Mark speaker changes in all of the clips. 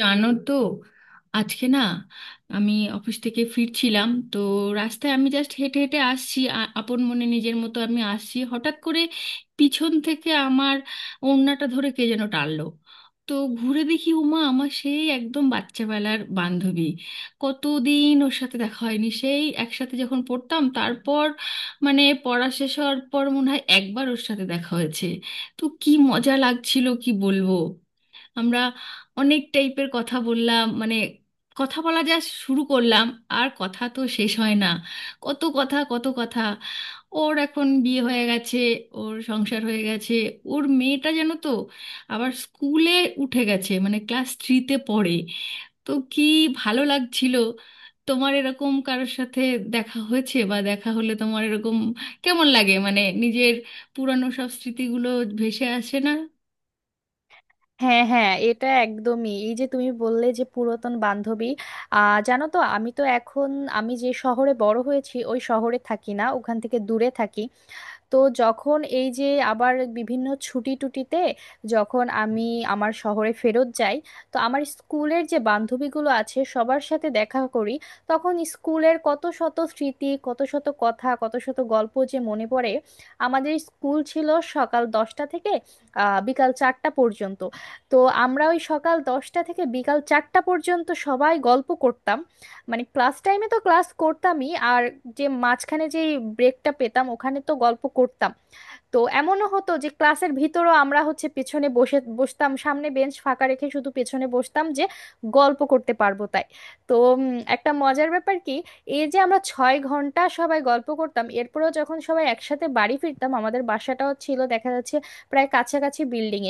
Speaker 1: জানো তো? আজকে না, আমি অফিস থেকে ফিরছিলাম তো, রাস্তায় আমি জাস্ট হেঁটে হেঁটে আসছি, আপন মনে নিজের মতো আমি আসছি, হঠাৎ করে পিছন থেকে আমার ওড়নাটা ধরে কে যেন টানলো। তো ঘুরে দেখি উমা, আমার সেই একদম বাচ্চাবেলার বান্ধবী। কতদিন ওর সাথে দেখা হয়নি, সেই একসাথে যখন পড়তাম, তারপর মানে পড়া শেষ হওয়ার পর মনে হয় একবার ওর সাথে দেখা হয়েছে। তো কি মজা লাগছিল, কি বলবো! আমরা অনেক টাইপের কথা বললাম, মানে কথা বলা যা শুরু করলাম, আর কথা তো শেষ হয় না। কত কথা, কত কথা। ওর এখন বিয়ে হয়ে গেছে, ওর সংসার হয়ে গেছে, ওর মেয়েটা যেন তো আবার স্কুলে উঠে গেছে, মানে ক্লাস থ্রিতে পড়ে। তো কি ভালো লাগছিল। তোমার এরকম কারোর সাথে দেখা হয়েছে, বা দেখা হলে তোমার এরকম কেমন লাগে, মানে নিজের পুরানো সব স্মৃতিগুলো ভেসে আসে না?
Speaker 2: হ্যাঁ, হ্যাঁ, এটা একদমই, এই যে তুমি বললে যে পুরাতন বান্ধবী। জানো তো, আমি তো এখন, আমি যে শহরে বড় হয়েছি ওই শহরে থাকি না, ওখান থেকে দূরে থাকি। তো যখন এই যে আবার বিভিন্ন ছুটি টুটিতে যখন আমি আমার শহরে ফেরত যাই, তো আমার স্কুলের যে বান্ধবীগুলো আছে সবার সাথে দেখা করি, তখন স্কুলের কত শত স্মৃতি, কত শত কথা, কত শত গল্প যে মনে পড়ে। আমাদের স্কুল ছিল সকাল 10টা থেকে বিকাল 4টা পর্যন্ত। তো আমরা ওই সকাল 10টা থেকে বিকাল 4টা পর্যন্ত সবাই গল্প করতাম। মানে ক্লাস টাইমে তো ক্লাস করতামই, আর যে মাঝখানে যে ব্রেকটা পেতাম ওখানে তো গল্প করতাম। তো এমনও হতো যে ক্লাসের ভিতরও আমরা হচ্ছে পেছনে বসে বসতাম, সামনে বেঞ্চ ফাঁকা রেখে শুধু পেছনে বসতাম, যে গল্প করতে পারবো তাই। তো উম, একটা মজার ব্যাপার কি, এই যে আমরা 6 ঘন্টা সবাই গল্প করতাম, এরপরেও যখন সবাই একসাথে বাড়ি ফিরতাম, আমাদের বাসাটাও ছিল দেখা যাচ্ছে প্রায় কাছাকাছি বিল্ডিং।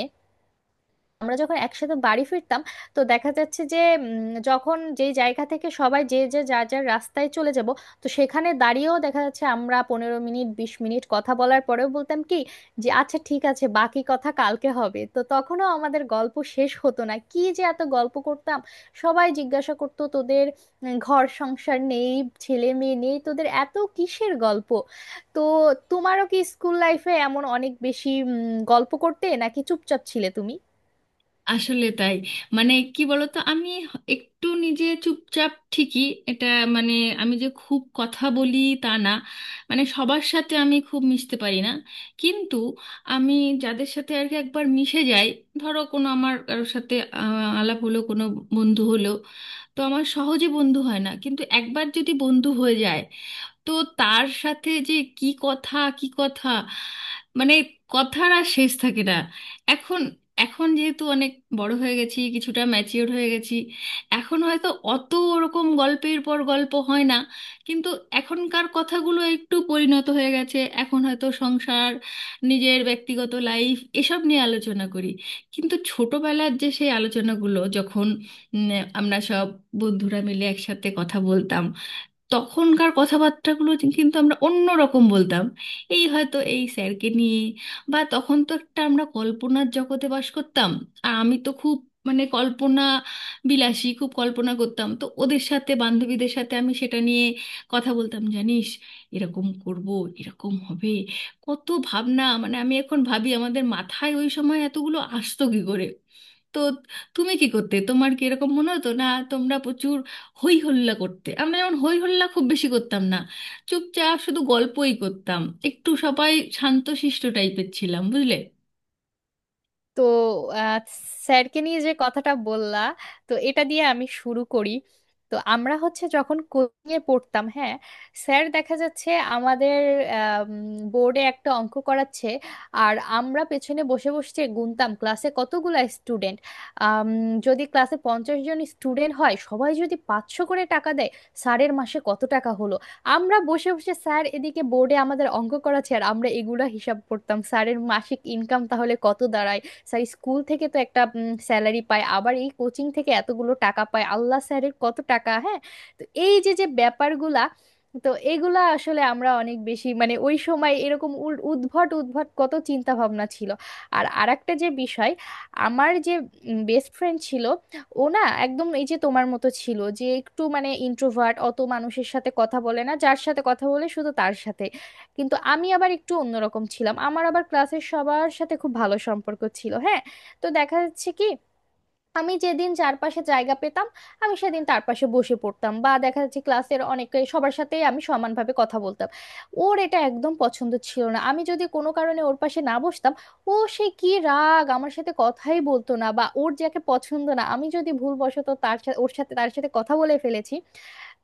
Speaker 2: আমরা যখন একসাথে বাড়ি ফিরতাম, তো দেখা যাচ্ছে যে যখন যে জায়গা থেকে সবাই যে যে যার যার রাস্তায় চলে যাব, তো সেখানে দাঁড়িয়েও দেখা যাচ্ছে আমরা 15 মিনিট, 20 মিনিট কথা বলার পরেও বলতাম কি, যে আচ্ছা, ঠিক আছে, বাকি কথা কালকে হবে। তো তখনও আমাদের গল্প শেষ হতো না, কি যে এত গল্প করতাম। সবাই জিজ্ঞাসা করতো, তোদের ঘর সংসার নেই, ছেলে মেয়ে নেই, তোদের এত কিসের গল্প। তো তোমারও কি স্কুল লাইফে এমন অনেক বেশি গল্প করতে, নাকি চুপচাপ ছিলে তুমি?
Speaker 1: আসলে তাই। মানে কি বলতো, আমি একটু নিজে চুপচাপ ঠিকই, এটা মানে, আমি যে খুব কথা বলি তা না, মানে সবার সাথে আমি খুব মিশতে পারি না। কিন্তু আমি যাদের সাথে আর কি একবার মিশে যাই, ধরো কোনো আমার কারোর সাথে আলাপ হলো, কোনো বন্ধু হলো, তো আমার সহজে বন্ধু হয় না, কিন্তু একবার যদি বন্ধু হয়ে যায়, তো তার সাথে যে কি কথা কি কথা, মানে কথার আর শেষ থাকে না। এখন, এখন যেহেতু অনেক বড় হয়ে গেছি, কিছুটা ম্যাচিওর হয়ে গেছি, এখন হয়তো অত ওরকম গল্পের পর গল্প হয় না, কিন্তু এখনকার কথাগুলো একটু পরিণত হয়ে গেছে। এখন হয়তো সংসার, নিজের ব্যক্তিগত লাইফ এসব নিয়ে আলোচনা করি। কিন্তু ছোটবেলার যে সেই আলোচনাগুলো, যখন উম, আমরা সব বন্ধুরা মিলে একসাথে কথা বলতাম, তখনকার কথাবার্তাগুলো কিন্তু আমরা অন্য রকম বলতাম। এই হয়তো এই স্যারকে নিয়ে, বা তখন তো একটা আমরা কল্পনার জগতে বাস করতাম। আর আমি তো খুব, মানে কল্পনা বিলাসী, খুব কল্পনা করতাম, তো ওদের সাথে, বান্ধবীদের সাথে আমি সেটা নিয়ে কথা বলতাম। জানিস, এরকম করব, এরকম হবে, কত ভাবনা! মানে আমি এখন ভাবি আমাদের মাথায় ওই সময় এতগুলো আসতো কী করে! তো তুমি কি করতে? তোমার কি এরকম মনে হতো না? তোমরা প্রচুর হই হল্লা করতে? আমরা যেমন হই হল্লা খুব বেশি করতাম না, চুপচাপ শুধু গল্পই করতাম, একটু সবাই শান্তশিষ্ট টাইপের ছিলাম, বুঝলে।
Speaker 2: তো আহ, স্যারকে নিয়ে যে কথাটা বললা, তো এটা দিয়ে আমি শুরু করি। তো আমরা হচ্ছে যখন কোচিং এ পড়তাম, হ্যাঁ, স্যার দেখা যাচ্ছে আমাদের বোর্ডে একটা অঙ্ক করাচ্ছে, আর আমরা পেছনে বসে বসে গুনতাম ক্লাসে কতগুলা স্টুডেন্ট। যদি ক্লাসে 50 জন স্টুডেন্ট হয়, সবাই যদি 500 করে টাকা দেয়, স্যারের মাসে কত টাকা হলো। আমরা বসে বসে, স্যার এদিকে বোর্ডে আমাদের অঙ্ক করাচ্ছে, আর আমরা এগুলা হিসাব করতাম স্যারের মাসিক ইনকাম তাহলে কত দাঁড়ায়। স্যার স্কুল থেকে তো একটা স্যালারি পায়, আবার এই কোচিং থেকে এতগুলো টাকা পায়, আল্লাহ স্যারের কত টাকা, হ্যাঁ। তো এই যে যে ব্যাপারগুলা, তো এগুলা আসলে আমরা অনেক বেশি, মানে ওই সময় এরকম উদ্ভট উদ্ভট কত চিন্তা ভাবনা ছিল। আর আরেকটা যে বিষয়, আমার যে বেস্ট ফ্রেন্ড ছিল, ও না একদম এই যে তোমার মতো ছিল, যে একটু মানে ইন্ট্রোভার্ট, অত মানুষের সাথে কথা বলে না, যার সাথে কথা বলে শুধু তার সাথে। কিন্তু আমি আবার একটু অন্যরকম ছিলাম, আমার আবার ক্লাসের সবার সাথে খুব ভালো সম্পর্ক ছিল, হ্যাঁ। তো দেখা যাচ্ছে কি, আমি যেদিন চারপাশে জায়গা পেতাম আমি সেদিন তার পাশে বসে পড়তাম, বা দেখা যাচ্ছে ক্লাসের অনেকে, সবার সাথেই আমি সমানভাবে কথা বলতাম। ওর এটা একদম পছন্দ ছিল না, আমি যদি কোনো কারণে ওর পাশে না বসতাম, ও সে কি রাগ, আমার সাথে কথাই বলতো না। বা ওর যাকে পছন্দ না, আমি যদি ভুলবশত তার সাথে, ওর সাথে, তার সাথে কথা বলে ফেলেছি,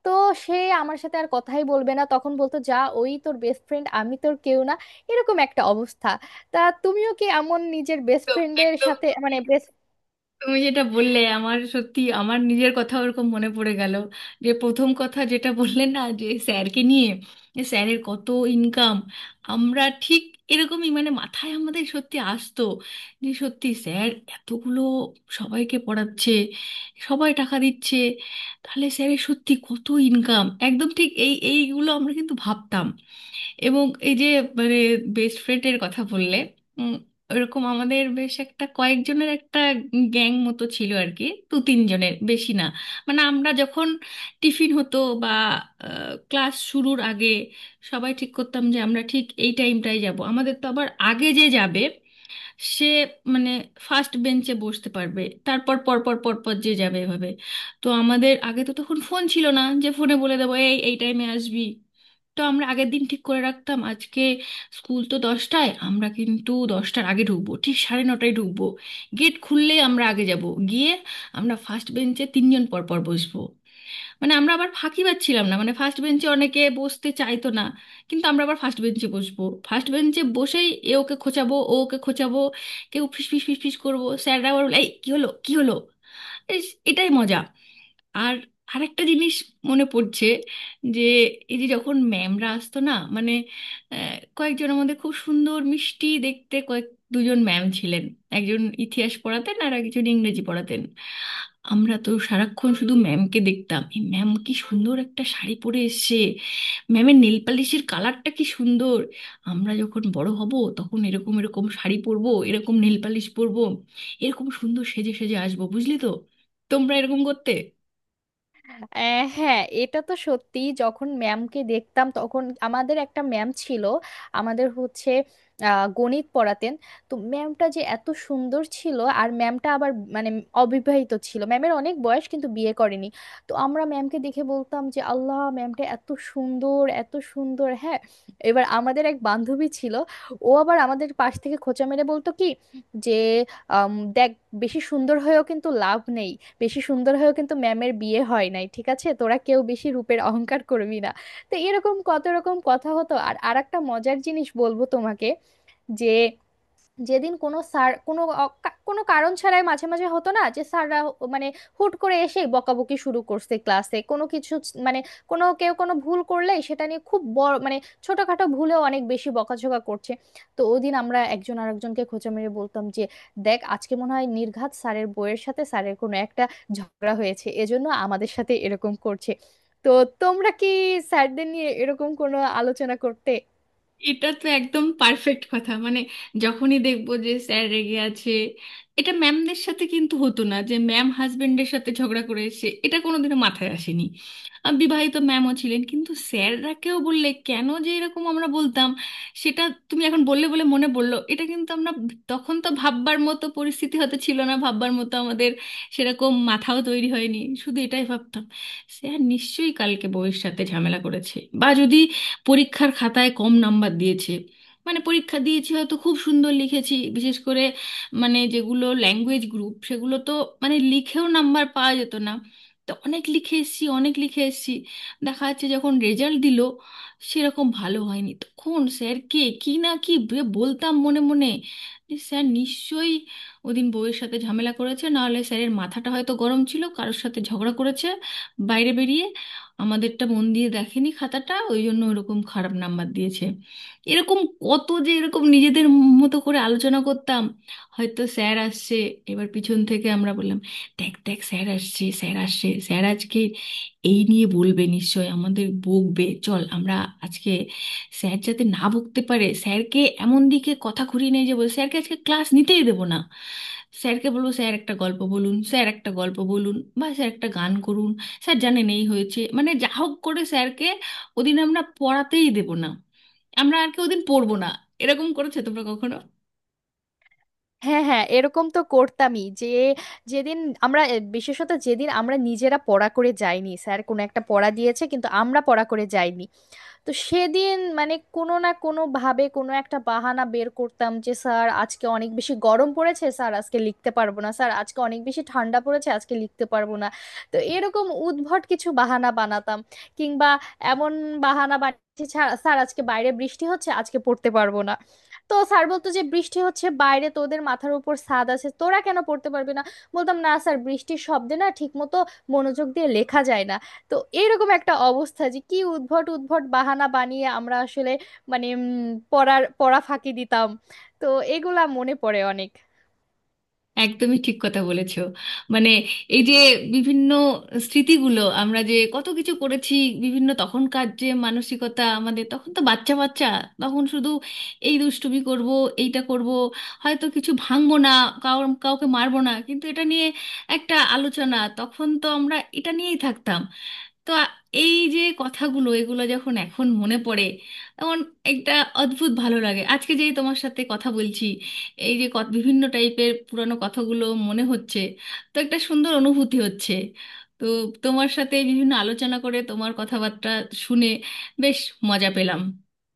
Speaker 2: তো সে আমার সাথে আর কথাই বলবে না। তখন বলতো, যা ওই তোর বেস্ট ফ্রেন্ড, আমি তোর কেউ না। এরকম একটা অবস্থা। তা তুমিও কি এমন নিজের বেস্ট
Speaker 1: একদম
Speaker 2: ফ্রেন্ডের
Speaker 1: একদম,
Speaker 2: সাথে,
Speaker 1: তুমি
Speaker 2: মানে বেস্ট,
Speaker 1: তুমি যেটা বললে আমার সত্যি আমার নিজের কথা ওরকম মনে পড়ে গেল। যে প্রথম কথা যেটা বললে না, যে স্যারকে নিয়ে, যে স্যারের কত ইনকাম, আমরা ঠিক এরকমই, মানে মাথায় আমাদের সত্যি আসতো যে সত্যি স্যার এতগুলো সবাইকে পড়াচ্ছে, সবাই টাকা দিচ্ছে, তাহলে স্যারের সত্যি কত ইনকাম। একদম ঠিক, এইগুলো আমরা কিন্তু ভাবতাম। এবং এই যে, মানে বেস্ট ফ্রেন্ডের কথা বললে, উম, ওরকম আমাদের বেশ একটা কয়েকজনের একটা গ্যাং মতো ছিল আর কি, দু তিনজনের বেশি না। মানে আমরা যখন টিফিন হতো বা ক্লাস শুরুর আগে, সবাই ঠিক করতাম যে আমরা ঠিক এই টাইমটাই যাব। আমাদের তো আবার আগে যে যাবে সে মানে ফার্স্ট বেঞ্চে বসতে পারবে, তারপর পরপর পরপর যে যাবে এভাবে। তো আমাদের আগে তো তখন ফোন ছিল না যে ফোনে বলে দেবো এই এই টাইমে আসবি, তো আমরা আগের দিন ঠিক করে রাখতাম, আজকে স্কুল তো 10টায়, আমরা কিন্তু 10টার আগে ঢুকবো, ঠিক সাড়ে 9টায় ঢুকবো। গেট খুললেই আমরা আগে যাব, গিয়ে আমরা ফার্স্ট বেঞ্চে তিনজন পরপর বসবো। মানে আমরা আবার ফাঁকি পাচ্ছিলাম না, মানে ফার্স্ট বেঞ্চে অনেকে বসতে চাইতো না, কিন্তু আমরা আবার ফার্স্ট বেঞ্চে বসবো। ফার্স্ট বেঞ্চে বসেই এ ওকে খোঁচাবো, ও ওকে খোঁচাবো, কেউ ফিস ফিস ফিস ফিস করবো, স্যাররা আবার বলে এই কি হলো কি হলো। ইস, এটাই মজা! আর আরেকটা জিনিস মনে পড়ছে, যে এই যে যখন ম্যামরা আসতো না, মানে কয়েকজনের মধ্যে খুব সুন্দর মিষ্টি দেখতে কয়েক দুজন ম্যাম ছিলেন, একজন ইতিহাস পড়াতেন আর একজন ইংরেজি পড়াতেন। আমরা তো সারাক্ষণ শুধু ম্যামকে দেখতাম, এই ম্যাম কি সুন্দর একটা শাড়ি পরে এসেছে, ম্যামের নেল পালিশের কালারটা কি সুন্দর। আমরা যখন বড় হব তখন এরকম এরকম শাড়ি পরবো, এরকম নেল পালিশ পরবো, এরকম সুন্দর সেজে সেজে আসবো, বুঝলি তো। তোমরা এরকম করতে?
Speaker 2: হ্যাঁ এটা তো সত্যি, যখন ম্যামকে দেখতাম তখন আমাদের একটা ম্যাম ছিল, আমাদের হচ্ছে গণিত পড়াতেন। তো ম্যামটা যে এত সুন্দর ছিল, আর ম্যামটা আবার মানে অবিবাহিত ছিল, ম্যামের অনেক বয়স কিন্তু বিয়ে করেনি। তো আমরা ম্যামকে দেখে বলতাম যে আল্লাহ, ম্যামটা এত সুন্দর, এত সুন্দর, হ্যাঁ। এবার আমাদের এক বান্ধবী ছিল, ও আবার আমাদের পাশ থেকে খোঁচা মেরে বলতো কি, যে দেখ বেশি সুন্দর হয়েও কিন্তু লাভ নেই, বেশি সুন্দর হয়েও কিন্তু ম্যামের বিয়ে হয় নাই, ঠিক আছে, তোরা কেউ বেশি রূপের অহংকার করবি না। তো এরকম কত রকম কথা হতো। আর আরেকটা মজার জিনিস বলবো তোমাকে, যে যেদিন কোনো স্যার কোনো কোনো কারণ ছাড়াই, মাঝে মাঝে হতো না যে স্যাররা মানে হুট করে এসে বকাবকি শুরু করছে ক্লাসে, কোনো কিছু মানে কোনো কেউ কোনো ভুল করলে সেটা নিয়ে খুব বড়, মানে ছোটখাটো ভুলেও অনেক বেশি বকাঝকা করছে। তো ওদিন আমরা একজন আরেকজনকে খোঁচা মেরে বলতাম যে, দেখ আজকে মনে হয় নির্ঘাত স্যারের বইয়ের সাথে স্যারের কোনো একটা ঝগড়া হয়েছে, এজন্য আমাদের সাথে এরকম করছে। তো তোমরা কি স্যারদের নিয়ে এরকম কোনো আলোচনা করতে?
Speaker 1: এটা তো একদম পারফেক্ট কথা, মানে যখনই দেখবো যে স্যার রেগে আছে। এটা ম্যামদের সাথে কিন্তু হতো না যে ম্যাম হাজবেন্ডের সাথে ঝগড়া করে এসে, এটা কোনোদিনও মাথায় আসেনি। বিবাহিত ম্যামও ছিলেন কিন্তু, স্যাররাকেও বললে কেন যে এরকম আমরা বলতাম সেটা। তুমি এখন বললে বলে মনে পড়লো, এটা কিন্তু আমরা তখন তো ভাববার মতো পরিস্থিতি হতে ছিল না, ভাববার মতো আমাদের সেরকম মাথাও তৈরি হয়নি, শুধু এটাই ভাবতাম স্যার নিশ্চয়ই কালকে বউয়ের সাথে ঝামেলা করেছে। বা যদি পরীক্ষার খাতায় কম নাম্বার দিয়েছে, মানে পরীক্ষা দিয়েছি হয়তো খুব সুন্দর লিখেছি, বিশেষ করে মানে যেগুলো ল্যাঙ্গুয়েজ গ্রুপ সেগুলো তো মানে লিখেও নাম্বার পাওয়া যেত না, তো অনেক লিখে এসেছি অনেক লিখে এসেছি, দেখা যাচ্ছে যখন রেজাল্ট দিল সেরকম ভালো হয়নি, তখন স্যারকে কি না কি বলতাম মনে মনে, যে স্যার নিশ্চয়ই ওদিন বউয়ের সাথে ঝামেলা করেছে, নাহলে স্যারের মাথাটা হয়তো গরম ছিল, কারোর সাথে ঝগড়া করেছে বাইরে বেরিয়ে, আমাদেরটা মন দিয়ে দেখেনি খাতাটা, ওই জন্য ওরকম খারাপ নাম্বার দিয়েছে। এরকম কত যে এরকম নিজেদের মতো করে আলোচনা করতাম। হয়তো স্যার আসছে, এবার পিছন থেকে আমরা বললাম দেখ দেখ স্যার আসছে স্যার আসছে, স্যার আজকে এই নিয়ে বলবে নিশ্চয়, আমাদের বকবে, চল আমরা আজকে স্যার যাতে না বকতে পারে, স্যারকে এমন দিকে কথা ঘুরিয়ে নিয়ে যাবো, স্যারকে আজকে ক্লাস নিতেই দেবো না, স্যারকে বলবো স্যার একটা গল্প বলুন, স্যার একটা গল্প বলুন, বা স্যার একটা গান করুন, স্যার জানেন এই হয়েছে, মানে যা হোক করে স্যারকে ওদিন আমরা পড়াতেই দেব না, আমরা আর কি ওদিন পড়বো না। এরকম করেছো তোমরা কখনো?
Speaker 2: হ্যাঁ, হ্যাঁ, এরকম তো করতামই, যে যেদিন আমরা বিশেষত যেদিন আমরা নিজেরা পড়া করে যাইনি, স্যার কোনো একটা পড়া দিয়েছে কিন্তু আমরা পড়া করে যাইনি, তো সেদিন মানে কোনো না কোনো ভাবে কোনো একটা বাহানা বের করতাম, যে স্যার আজকে অনেক বেশি গরম পড়েছে স্যার, আজকে লিখতে পারবো না, স্যার আজকে অনেক বেশি ঠান্ডা পড়েছে আজকে লিখতে পারবো না। তো এরকম উদ্ভট কিছু বাহানা বানাতাম। কিংবা এমন বাহানা বানিয়েছি, "ছাড়, স্যার আজকে বাইরে বৃষ্টি হচ্ছে আজকে পড়তে পারবো না।" তো স্যার বলতো যে বৃষ্টি হচ্ছে বাইরে, তোদের মাথার উপর ছাদ আছে, তোরা কেন পড়তে পারবি না? বলতাম, না স্যার, বৃষ্টির শব্দে না ঠিক মতো মনোযোগ দিয়ে লেখা যায় না। তো এইরকম একটা অবস্থা, যে কি উদ্ভট উদ্ভট বাহানা বানিয়ে আমরা আসলে মানে পড়ার পড়া ফাঁকি দিতাম। তো এগুলা মনে পড়ে অনেক।
Speaker 1: একদমই ঠিক কথা বলেছো। মানে এই যে বিভিন্ন স্মৃতিগুলো আমরা যে কত কিছু করেছি, বিভিন্ন তখনকার যে মানসিকতা, আমাদের তখন তো বাচ্চা বাচ্চা, তখন শুধু এই দুষ্টুমি করব, এইটা করব, হয়তো কিছু ভাঙবো না, কাউর কাউকে মারবো না, কিন্তু এটা নিয়ে একটা আলোচনা, তখন তো আমরা এটা নিয়েই থাকতাম। তো এই যে কথাগুলো এগুলো যখন এখন মনে পড়ে, এমন একটা অদ্ভুত ভালো লাগে। আজকে যেই তোমার সাথে কথা বলছি, এই যে বিভিন্ন টাইপের পুরানো কথাগুলো মনে হচ্ছে, তো একটা সুন্দর অনুভূতি হচ্ছে। তো তোমার সাথে বিভিন্ন আলোচনা করে, তোমার কথাবার্তা শুনে বেশ মজা পেলাম।